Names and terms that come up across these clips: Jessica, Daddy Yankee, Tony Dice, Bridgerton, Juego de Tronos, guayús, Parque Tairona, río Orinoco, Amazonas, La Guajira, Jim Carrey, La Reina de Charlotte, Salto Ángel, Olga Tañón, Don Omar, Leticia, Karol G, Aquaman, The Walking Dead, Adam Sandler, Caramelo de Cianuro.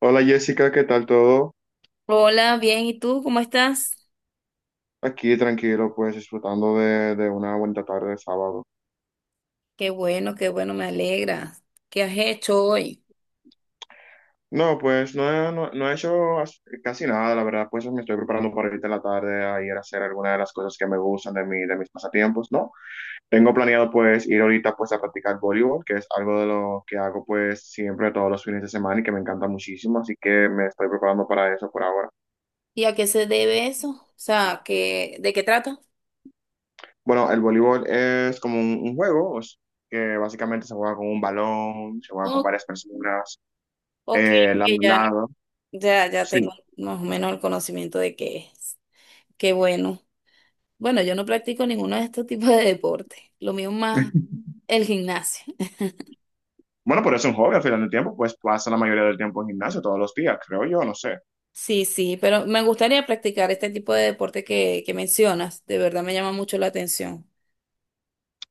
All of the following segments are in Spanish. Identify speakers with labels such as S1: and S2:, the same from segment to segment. S1: Hola Jessica, ¿qué tal todo?
S2: Hola, bien, ¿y tú cómo estás?
S1: Aquí tranquilo, pues disfrutando de una buena tarde de sábado.
S2: Qué bueno, me alegra. ¿Qué has hecho hoy?
S1: No, pues no, no, no he hecho casi nada, la verdad, pues me estoy preparando para ahorita en la tarde a ir a hacer alguna de las cosas que me gustan de mis pasatiempos, ¿no? Tengo planeado pues ir ahorita pues a practicar voleibol, que es algo de lo que hago pues siempre todos los fines de semana y que me encanta muchísimo, así que me estoy preparando para eso por ahora.
S2: ¿Y a qué se debe eso? O sea, ¿de qué trata?
S1: Bueno, el voleibol es como un juego, o sea, que básicamente se juega con un balón, se juega con
S2: Oh,
S1: varias personas.
S2: ok,
S1: eh,
S2: que ya,
S1: lado,
S2: ya
S1: sí.
S2: tengo más o menos el conocimiento de qué es. Qué bueno. Bueno, yo no practico ninguno de estos tipos de deportes. Lo mío más el gimnasio.
S1: Bueno, pero es un hobby al final del tiempo, pues pasa la mayoría del tiempo en gimnasio, todos los días, creo yo, no sé.
S2: Sí, sí, pero me gustaría practicar este tipo de deporte que mencionas. De verdad me llama mucho la atención.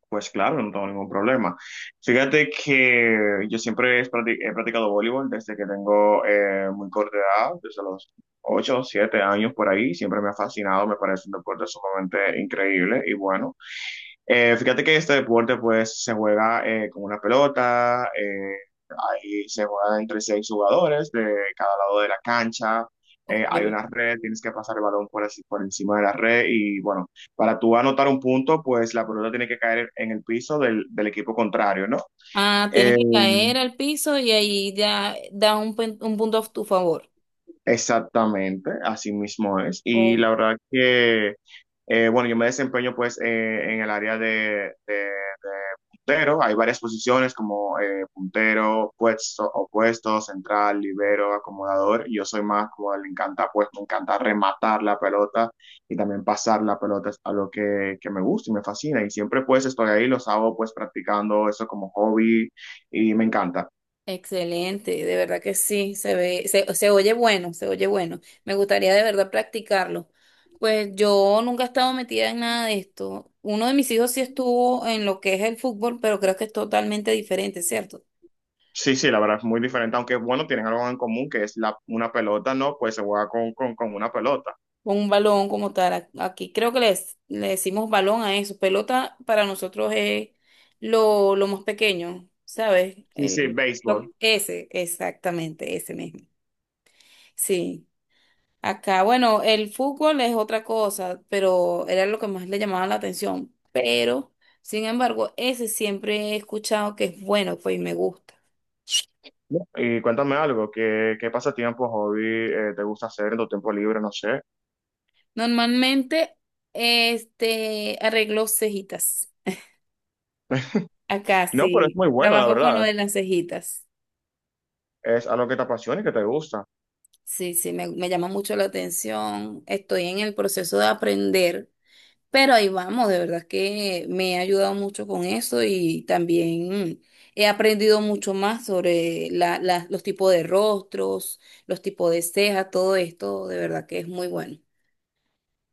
S1: Pues claro, no tengo ningún problema. Fíjate que yo siempre he practicado voleibol desde que tengo muy corta edad, desde los 8 7 años por ahí. Siempre me ha fascinado, me parece un deporte sumamente increíble y bueno. Fíjate que este deporte pues se juega con una pelota, ahí se juega entre seis jugadores de cada lado de la cancha,
S2: Ok.
S1: hay una red, tienes que pasar el balón por, por encima de la red y bueno, para tú anotar un punto pues la pelota tiene que caer en el piso del equipo contrario, ¿no?
S2: Ah, tienes
S1: Eh,
S2: que caer al piso y ahí ya da un punto a tu favor.
S1: Exactamente, así mismo es. Y
S2: Oh,
S1: la verdad que, bueno, yo me desempeño pues en el área de puntero. Hay varias posiciones como puntero, puesto, opuesto, central, libero, acomodador. Yo soy más como le encanta, pues me encanta rematar la pelota y también pasar la pelota. Es algo que me gusta y me fascina. Y siempre pues estoy ahí, los hago pues practicando eso como hobby y me encanta.
S2: excelente, de verdad que sí, se oye bueno, se oye bueno. Me gustaría de verdad practicarlo. Pues yo nunca he estado metida en nada de esto. Uno de mis hijos sí estuvo en lo que es el fútbol, pero creo que es totalmente diferente, ¿cierto?
S1: Sí, sí, la verdad es muy diferente, aunque bueno, tienen algo en común que es una pelota, ¿no? Pues se juega con una pelota.
S2: Un balón como tal. Aquí creo que le decimos balón a eso. Pelota para nosotros es lo más pequeño, ¿sabes?
S1: Sí, sí, béisbol.
S2: Ese, exactamente, ese mismo. Sí. Acá, bueno, el fútbol es otra cosa, pero era lo que más le llamaba la atención. Pero, sin embargo, ese siempre he escuchado que es bueno, pues y me gusta.
S1: Y cuéntame algo, ¿qué pasatiempo, hobby te gusta hacer en tu tiempo libre? No sé.
S2: Normalmente, este, arreglo cejitas. Acá
S1: No, pero es
S2: sí,
S1: muy bueno, la
S2: trabajo con lo
S1: verdad.
S2: de las cejitas.
S1: Es algo que te apasiona y que te gusta.
S2: Sí, sí, me llama mucho la atención. Estoy en el proceso de aprender, pero ahí vamos, de verdad que me ha ayudado mucho con eso y también he aprendido mucho más sobre los tipos de rostros, los tipos de cejas, todo esto, de verdad que es muy bueno.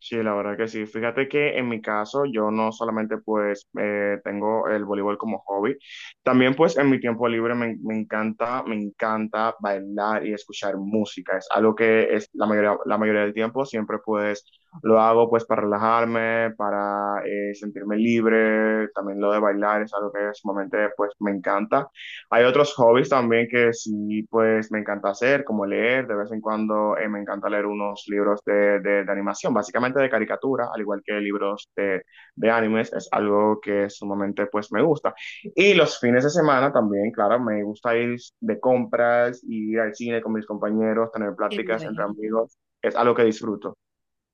S1: Sí, la verdad que sí. Fíjate que en mi caso yo no solamente pues tengo el voleibol como hobby, también pues en mi tiempo libre me encanta bailar y escuchar música. Es algo que es la mayoría del tiempo siempre pues lo hago pues para relajarme, para sentirme libre. También lo de bailar es algo que sumamente pues me encanta. Hay otros hobbies también que sí, pues me encanta hacer, como leer, de vez en cuando me encanta leer unos libros de animación, básicamente de caricatura, al igual que libros de animes, es algo que sumamente pues me gusta. Y los fines de semana también, claro, me gusta ir de compras, ir al cine con mis compañeros, tener
S2: Qué
S1: pláticas entre
S2: bueno.
S1: amigos, es algo que disfruto.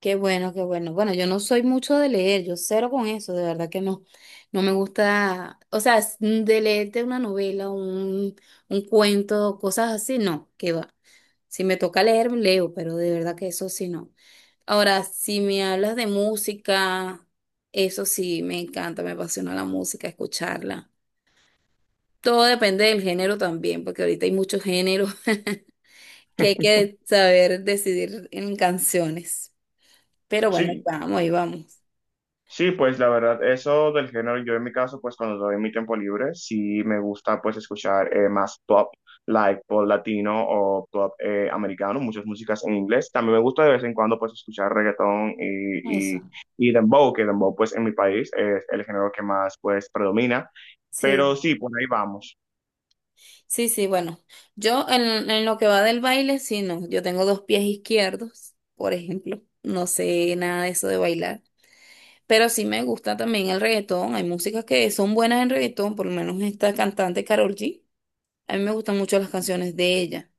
S2: Qué bueno, qué bueno. Bueno, yo no soy mucho de leer, yo cero con eso, de verdad que no. No me gusta, o sea, de leerte una novela, un cuento, cosas así, no, qué va. Si me toca leer, leo, pero de verdad que eso sí no. Ahora, si me hablas de música, eso sí, me encanta, me apasiona la música, escucharla. Todo depende del género también, porque ahorita hay muchos géneros que hay que saber decidir en canciones. Pero bueno, ahí
S1: Sí,
S2: vamos, ahí vamos.
S1: sí, pues la verdad, eso del género, yo en mi caso, pues cuando doy mi tiempo libre, sí me gusta pues escuchar más pop, like pop latino o pop americano, muchas músicas en inglés. También me gusta de vez en cuando pues escuchar reggaetón y,
S2: Eso.
S1: y, y dembow, que dembow pues en mi país es el género que más pues predomina. Pero
S2: Sí,
S1: sí, por ahí vamos.
S2: sí, sí, bueno, yo en lo que va del baile, sí, no, yo tengo dos pies izquierdos, por ejemplo, no sé nada de eso de bailar, pero sí me gusta también el reggaetón, hay músicas que son buenas en reggaetón, por lo menos esta cantante Karol G, a mí me gustan mucho las canciones de ella,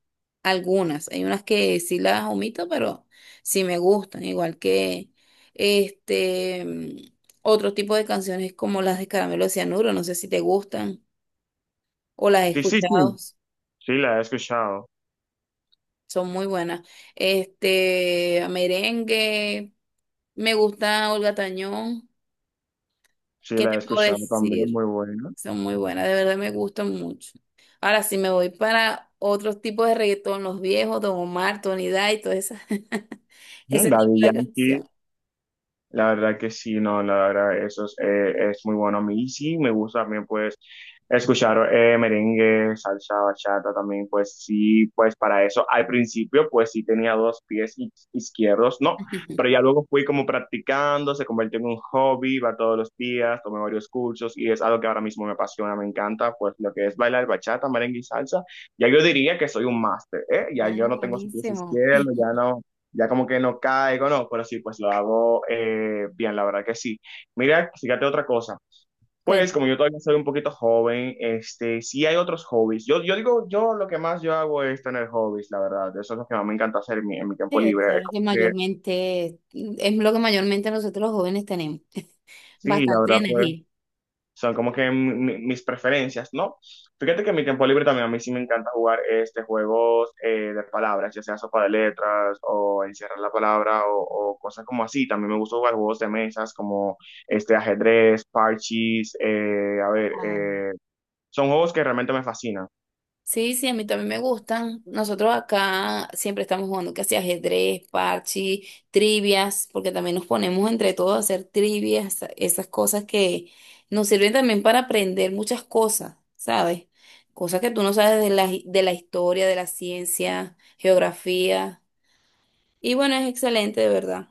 S2: algunas, hay unas que sí las omito, pero sí me gustan, igual que este, mm, otro tipo de canciones como las de Caramelo de Cianuro, no sé si te gustan. O las he
S1: Sí, sí, sí,
S2: escuchado,
S1: sí la he escuchado,
S2: son muy buenas. Este, merengue, me gusta Olga Tañón,
S1: sí
S2: ¿qué
S1: la he
S2: te puedo
S1: escuchado también,
S2: decir?
S1: muy buena.
S2: Son muy buenas, de verdad me gustan mucho. Ahora, si me voy para otros tipos de reggaetón, los viejos, Don Omar, Tony Dice, todo esa,
S1: Mm,
S2: ese tipo
S1: Daddy
S2: de canción.
S1: Yankee. La verdad que sí, no, la verdad, eso es muy bueno a mí. Y sí, me gusta también, pues, escuchar merengue, salsa, bachata también, pues sí, pues para eso. Al principio, pues sí tenía dos pies izquierdos, ¿no? Pero ya luego fui como practicando, se convirtió en un hobby, va todos los días, tomé varios cursos y es algo que ahora mismo me apasiona, me encanta, pues lo que es bailar bachata, merengue y salsa. Ya yo diría que soy un máster, ¿eh? Ya
S2: Ah,
S1: yo no tengo sus pies
S2: buenísimo.
S1: izquierdos, ya no ya como que no caigo, no, pero sí, pues lo hago bien, la verdad que sí. Mira, fíjate otra cosa. Pues como
S2: Cuéntame.
S1: yo todavía soy un poquito joven, sí hay otros hobbies. Yo digo, yo lo que más yo hago es tener hobbies, la verdad. Eso es lo que más me encanta hacer en mi tiempo
S2: Sí, eso
S1: libre.
S2: es lo
S1: Como
S2: que
S1: que,
S2: mayormente, es lo que mayormente nosotros los jóvenes tenemos.
S1: sí, la
S2: Bastante
S1: verdad, pues
S2: energía.
S1: son como que mis preferencias, ¿no? Fíjate que en mi tiempo libre también a mí sí me encanta jugar juegos de palabras, ya sea sopa de letras o encierrar la palabra o cosas como así. También me gusta jugar juegos de mesas como ajedrez, parchís, a ver,
S2: Ah.
S1: son juegos que realmente me fascinan.
S2: Sí, sí, a mí también me gustan. Nosotros acá siempre estamos jugando casi ajedrez, parche, trivias, porque también nos ponemos entre todos a hacer trivias, esas cosas que nos sirven también para aprender muchas cosas, ¿sabes? Cosas que tú no sabes de de la historia, de la ciencia, geografía. Y bueno, es excelente, de verdad.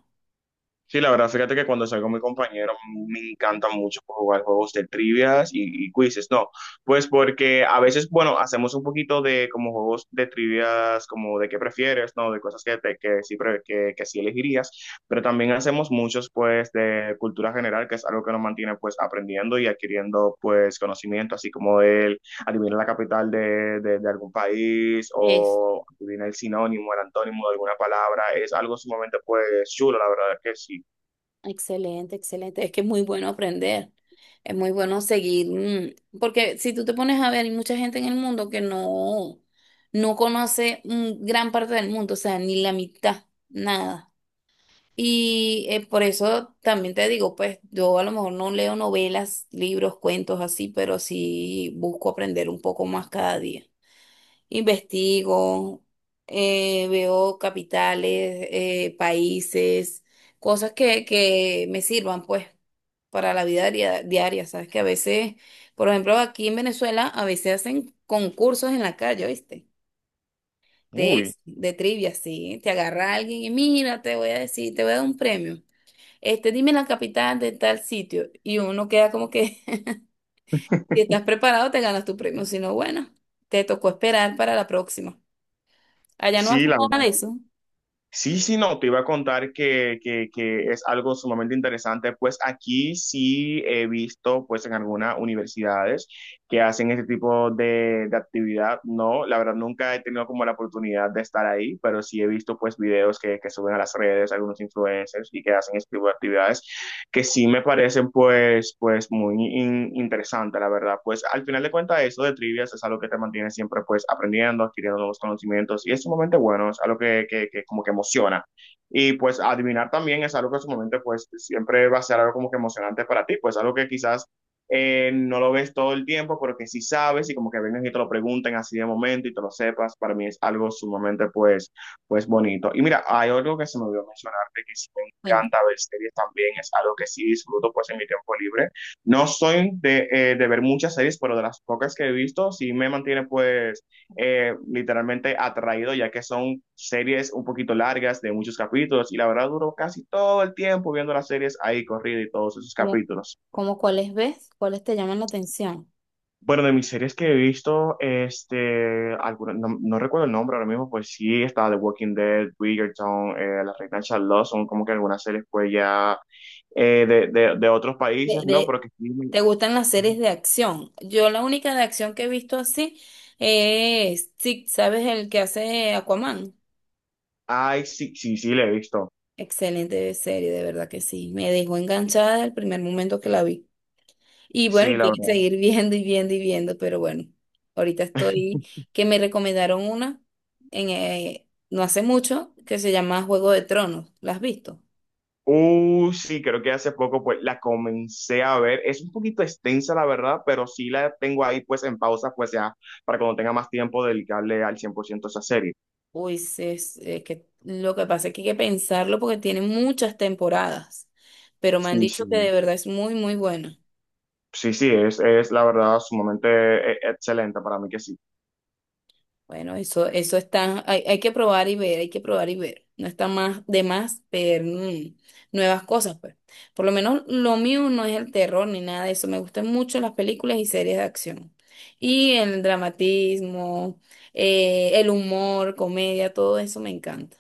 S1: Sí, la verdad, fíjate que cuando salgo con mi compañero me encanta mucho pues, jugar juegos de trivias y quizzes, no, pues porque a veces, bueno, hacemos un poquito de como juegos de trivias, como de qué prefieres, no, de cosas que, que, sí, que sí elegirías, pero también hacemos muchos pues de cultura general, que es algo que nos mantiene pues aprendiendo y adquiriendo pues conocimiento, así como el adivinar la capital de algún país o adivinar el sinónimo, el antónimo de alguna palabra, es algo sumamente pues chulo, la verdad que sí.
S2: Excelente, excelente. Es que es muy bueno aprender. Es muy bueno seguir, porque si tú te pones a ver, hay mucha gente en el mundo que no, no conoce gran parte del mundo, o sea, ni la mitad, nada. Y por eso también te digo, pues yo a lo mejor no leo novelas, libros, cuentos así, pero sí busco aprender un poco más cada día. Investigo, veo capitales, países, cosas que me sirvan, pues, para la vida diaria, diaria, ¿sabes? Que a veces, por ejemplo, aquí en Venezuela, a veces hacen concursos en la calle, ¿viste? De
S1: Uy,
S2: eso, de trivia, sí. Te agarra alguien y mira, te voy a decir, te voy a dar un premio. Este, dime la capital de tal sitio. Y uno queda como que, si estás preparado, te ganas tu premio. Si no, bueno, te tocó esperar para la próxima. Allá no
S1: sí,
S2: hacen
S1: la
S2: nada
S1: verdad.
S2: de eso.
S1: Sí, sí, no, te iba a contar que es algo sumamente interesante, pues aquí sí he visto, pues en algunas universidades que hacen este tipo de actividad, no, la verdad nunca he tenido como la oportunidad de estar ahí, pero sí he visto pues videos que suben a las redes, algunos influencers y que hacen este tipo de actividades que sí me parecen pues, muy interesante, la verdad. Pues al final de cuentas eso de trivias es algo que te mantiene siempre pues aprendiendo, adquiriendo nuevos conocimientos y es sumamente bueno, es algo que como que emociona. Y pues adivinar también es algo que en su momento pues siempre va a ser algo como que emocionante para ti, pues algo que quizás no lo ves todo el tiempo, pero que sí sabes y como que vengan y te lo pregunten así de momento y te lo sepas, para mí es algo sumamente pues bonito. Y mira, hay algo que se me olvidó mencionar arte que sí me
S2: Cuenta,
S1: encanta ver series también, es algo que sí disfruto pues en mi tiempo libre. No soy de ver muchas series, pero de las pocas que he visto sí me mantiene pues literalmente atraído, ya que son series un poquito largas de muchos capítulos y la verdad duro casi todo el tiempo viendo las series ahí corrida y todos esos
S2: ¿cómo,
S1: capítulos.
S2: cómo cuáles ves? ¿Cuáles te llaman la atención?
S1: Bueno, de mis series que he visto, no, no recuerdo el nombre ahora mismo, pues sí, estaba The Walking Dead, Bridgerton, La Reina de Charlotte, son como que algunas series pues ya de otros
S2: De,
S1: países, ¿no?
S2: de-
S1: Pero que sí,
S2: ¿Te gustan las series de acción? Yo la única de acción que he visto así es, sí, ¿sabes el que hace Aquaman?
S1: ay, sí, sí, sí, la he visto,
S2: Excelente serie, de verdad que sí. Me dejó enganchada el primer momento que la vi. Y bueno,
S1: sí,
S2: y
S1: la
S2: quiero
S1: verdad.
S2: seguir viendo y viendo y viendo, pero bueno, ahorita estoy, que me recomendaron una en, no hace mucho que se llama Juego de Tronos. ¿La has visto?
S1: Sí, creo que hace poco pues la comencé a ver, es un poquito extensa la verdad, pero sí la tengo ahí pues en pausa, pues ya, para cuando tenga más tiempo dedicarle al 100% a esa serie.
S2: Uy, sí, es, que lo que pasa es que hay que pensarlo porque tiene muchas temporadas, pero me han
S1: Sí,
S2: dicho
S1: sí.
S2: que de verdad es muy, muy buena.
S1: Sí, sí, es la verdad sumamente excelente para mí que sí.
S2: Bueno, eso está, hay que probar y ver, hay que probar y ver. No está más de más ver nuevas cosas, pues. Por lo menos lo mío no es el terror ni nada de eso. Me gustan mucho las películas y series de acción. Y el dramatismo, el humor, comedia, todo eso me encanta.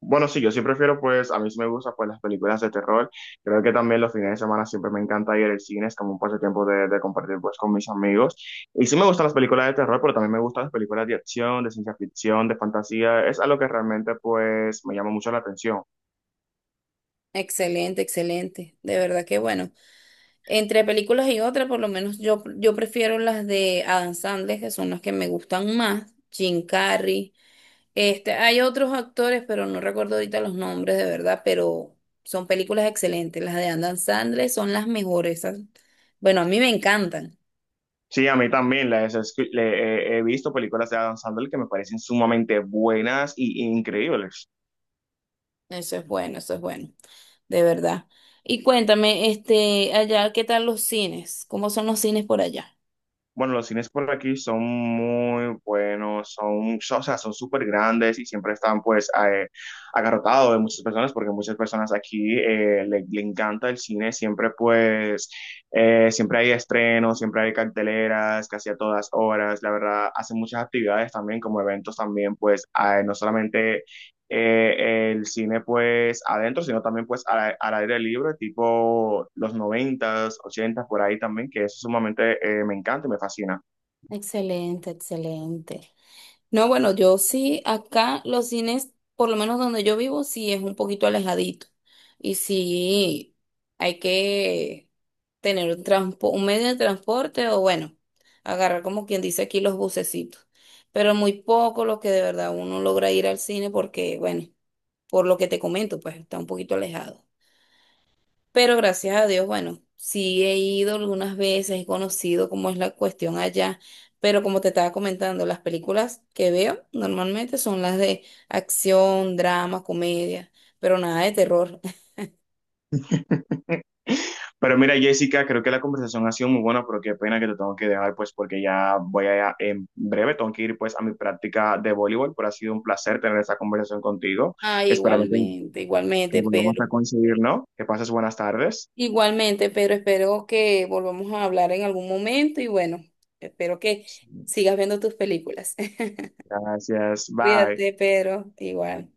S1: Bueno, sí, yo sí prefiero, pues, a mí sí me gusta, pues, las películas de terror. Creo que también los fines de semana siempre me encanta ir al cine, es como un pasatiempo de compartir, pues, con mis amigos. Y sí me gustan las películas de terror, pero también me gustan las películas de acción, de ciencia ficción, de fantasía. Es algo que realmente, pues, me llama mucho la atención.
S2: Excelente, excelente. De verdad que bueno. Entre películas y otras, por lo menos yo prefiero las de Adam Sandler, que son las que me gustan más. Jim Carrey. Este, hay otros actores, pero no recuerdo ahorita los nombres de verdad, pero son películas excelentes. Las de Adam Sandler son las mejores. Esas- Bueno, a mí me encantan.
S1: Sí, a mí también he visto películas de Adam Sandler que me parecen sumamente buenas y increíbles.
S2: Eso es bueno, de verdad. Y cuéntame, este, allá, ¿qué tal los cines? ¿Cómo son los cines por allá?
S1: Bueno, los cines por aquí son muy buenos, o sea, son súper grandes y siempre están pues agarrotados de muchas personas porque muchas personas aquí le encanta el cine, siempre pues, siempre hay estrenos, siempre hay carteleras, casi a todas horas, la verdad, hacen muchas actividades también como eventos también pues, no solamente el cine pues adentro, sino también pues al aire libre, tipo los noventas, ochentas, por ahí también, que eso sumamente me encanta y me fascina.
S2: Excelente, excelente. No, bueno, yo sí, acá los cines, por lo menos donde yo vivo, sí es un poquito alejadito. Y sí, hay que tener un un medio de transporte o bueno, agarrar como quien dice aquí los bucecitos. Pero muy poco lo que de verdad uno logra ir al cine porque, bueno, por lo que te comento, pues está un poquito alejado. Pero gracias a Dios, bueno, sí he ido algunas veces, he conocido cómo es la cuestión allá, pero como te estaba comentando, las películas que veo normalmente son las de acción, drama, comedia, pero nada de terror.
S1: Pero mira, Jessica, creo que la conversación ha sido muy buena, pero qué pena que te tengo que dejar pues porque ya voy a, en breve, tengo que ir pues a mi práctica de voleibol, pero ha sido un placer tener esta conversación contigo,
S2: Ah,
S1: esperando que,
S2: igualmente,
S1: que
S2: igualmente,
S1: volvamos a
S2: Pedro.
S1: coincidir, ¿no? Que pases buenas tardes.
S2: Igualmente, Pedro, espero que volvamos a hablar en algún momento y bueno, espero que
S1: Sí,
S2: sigas viendo tus películas.
S1: gracias, bye.
S2: Cuídate, Pedro, igual.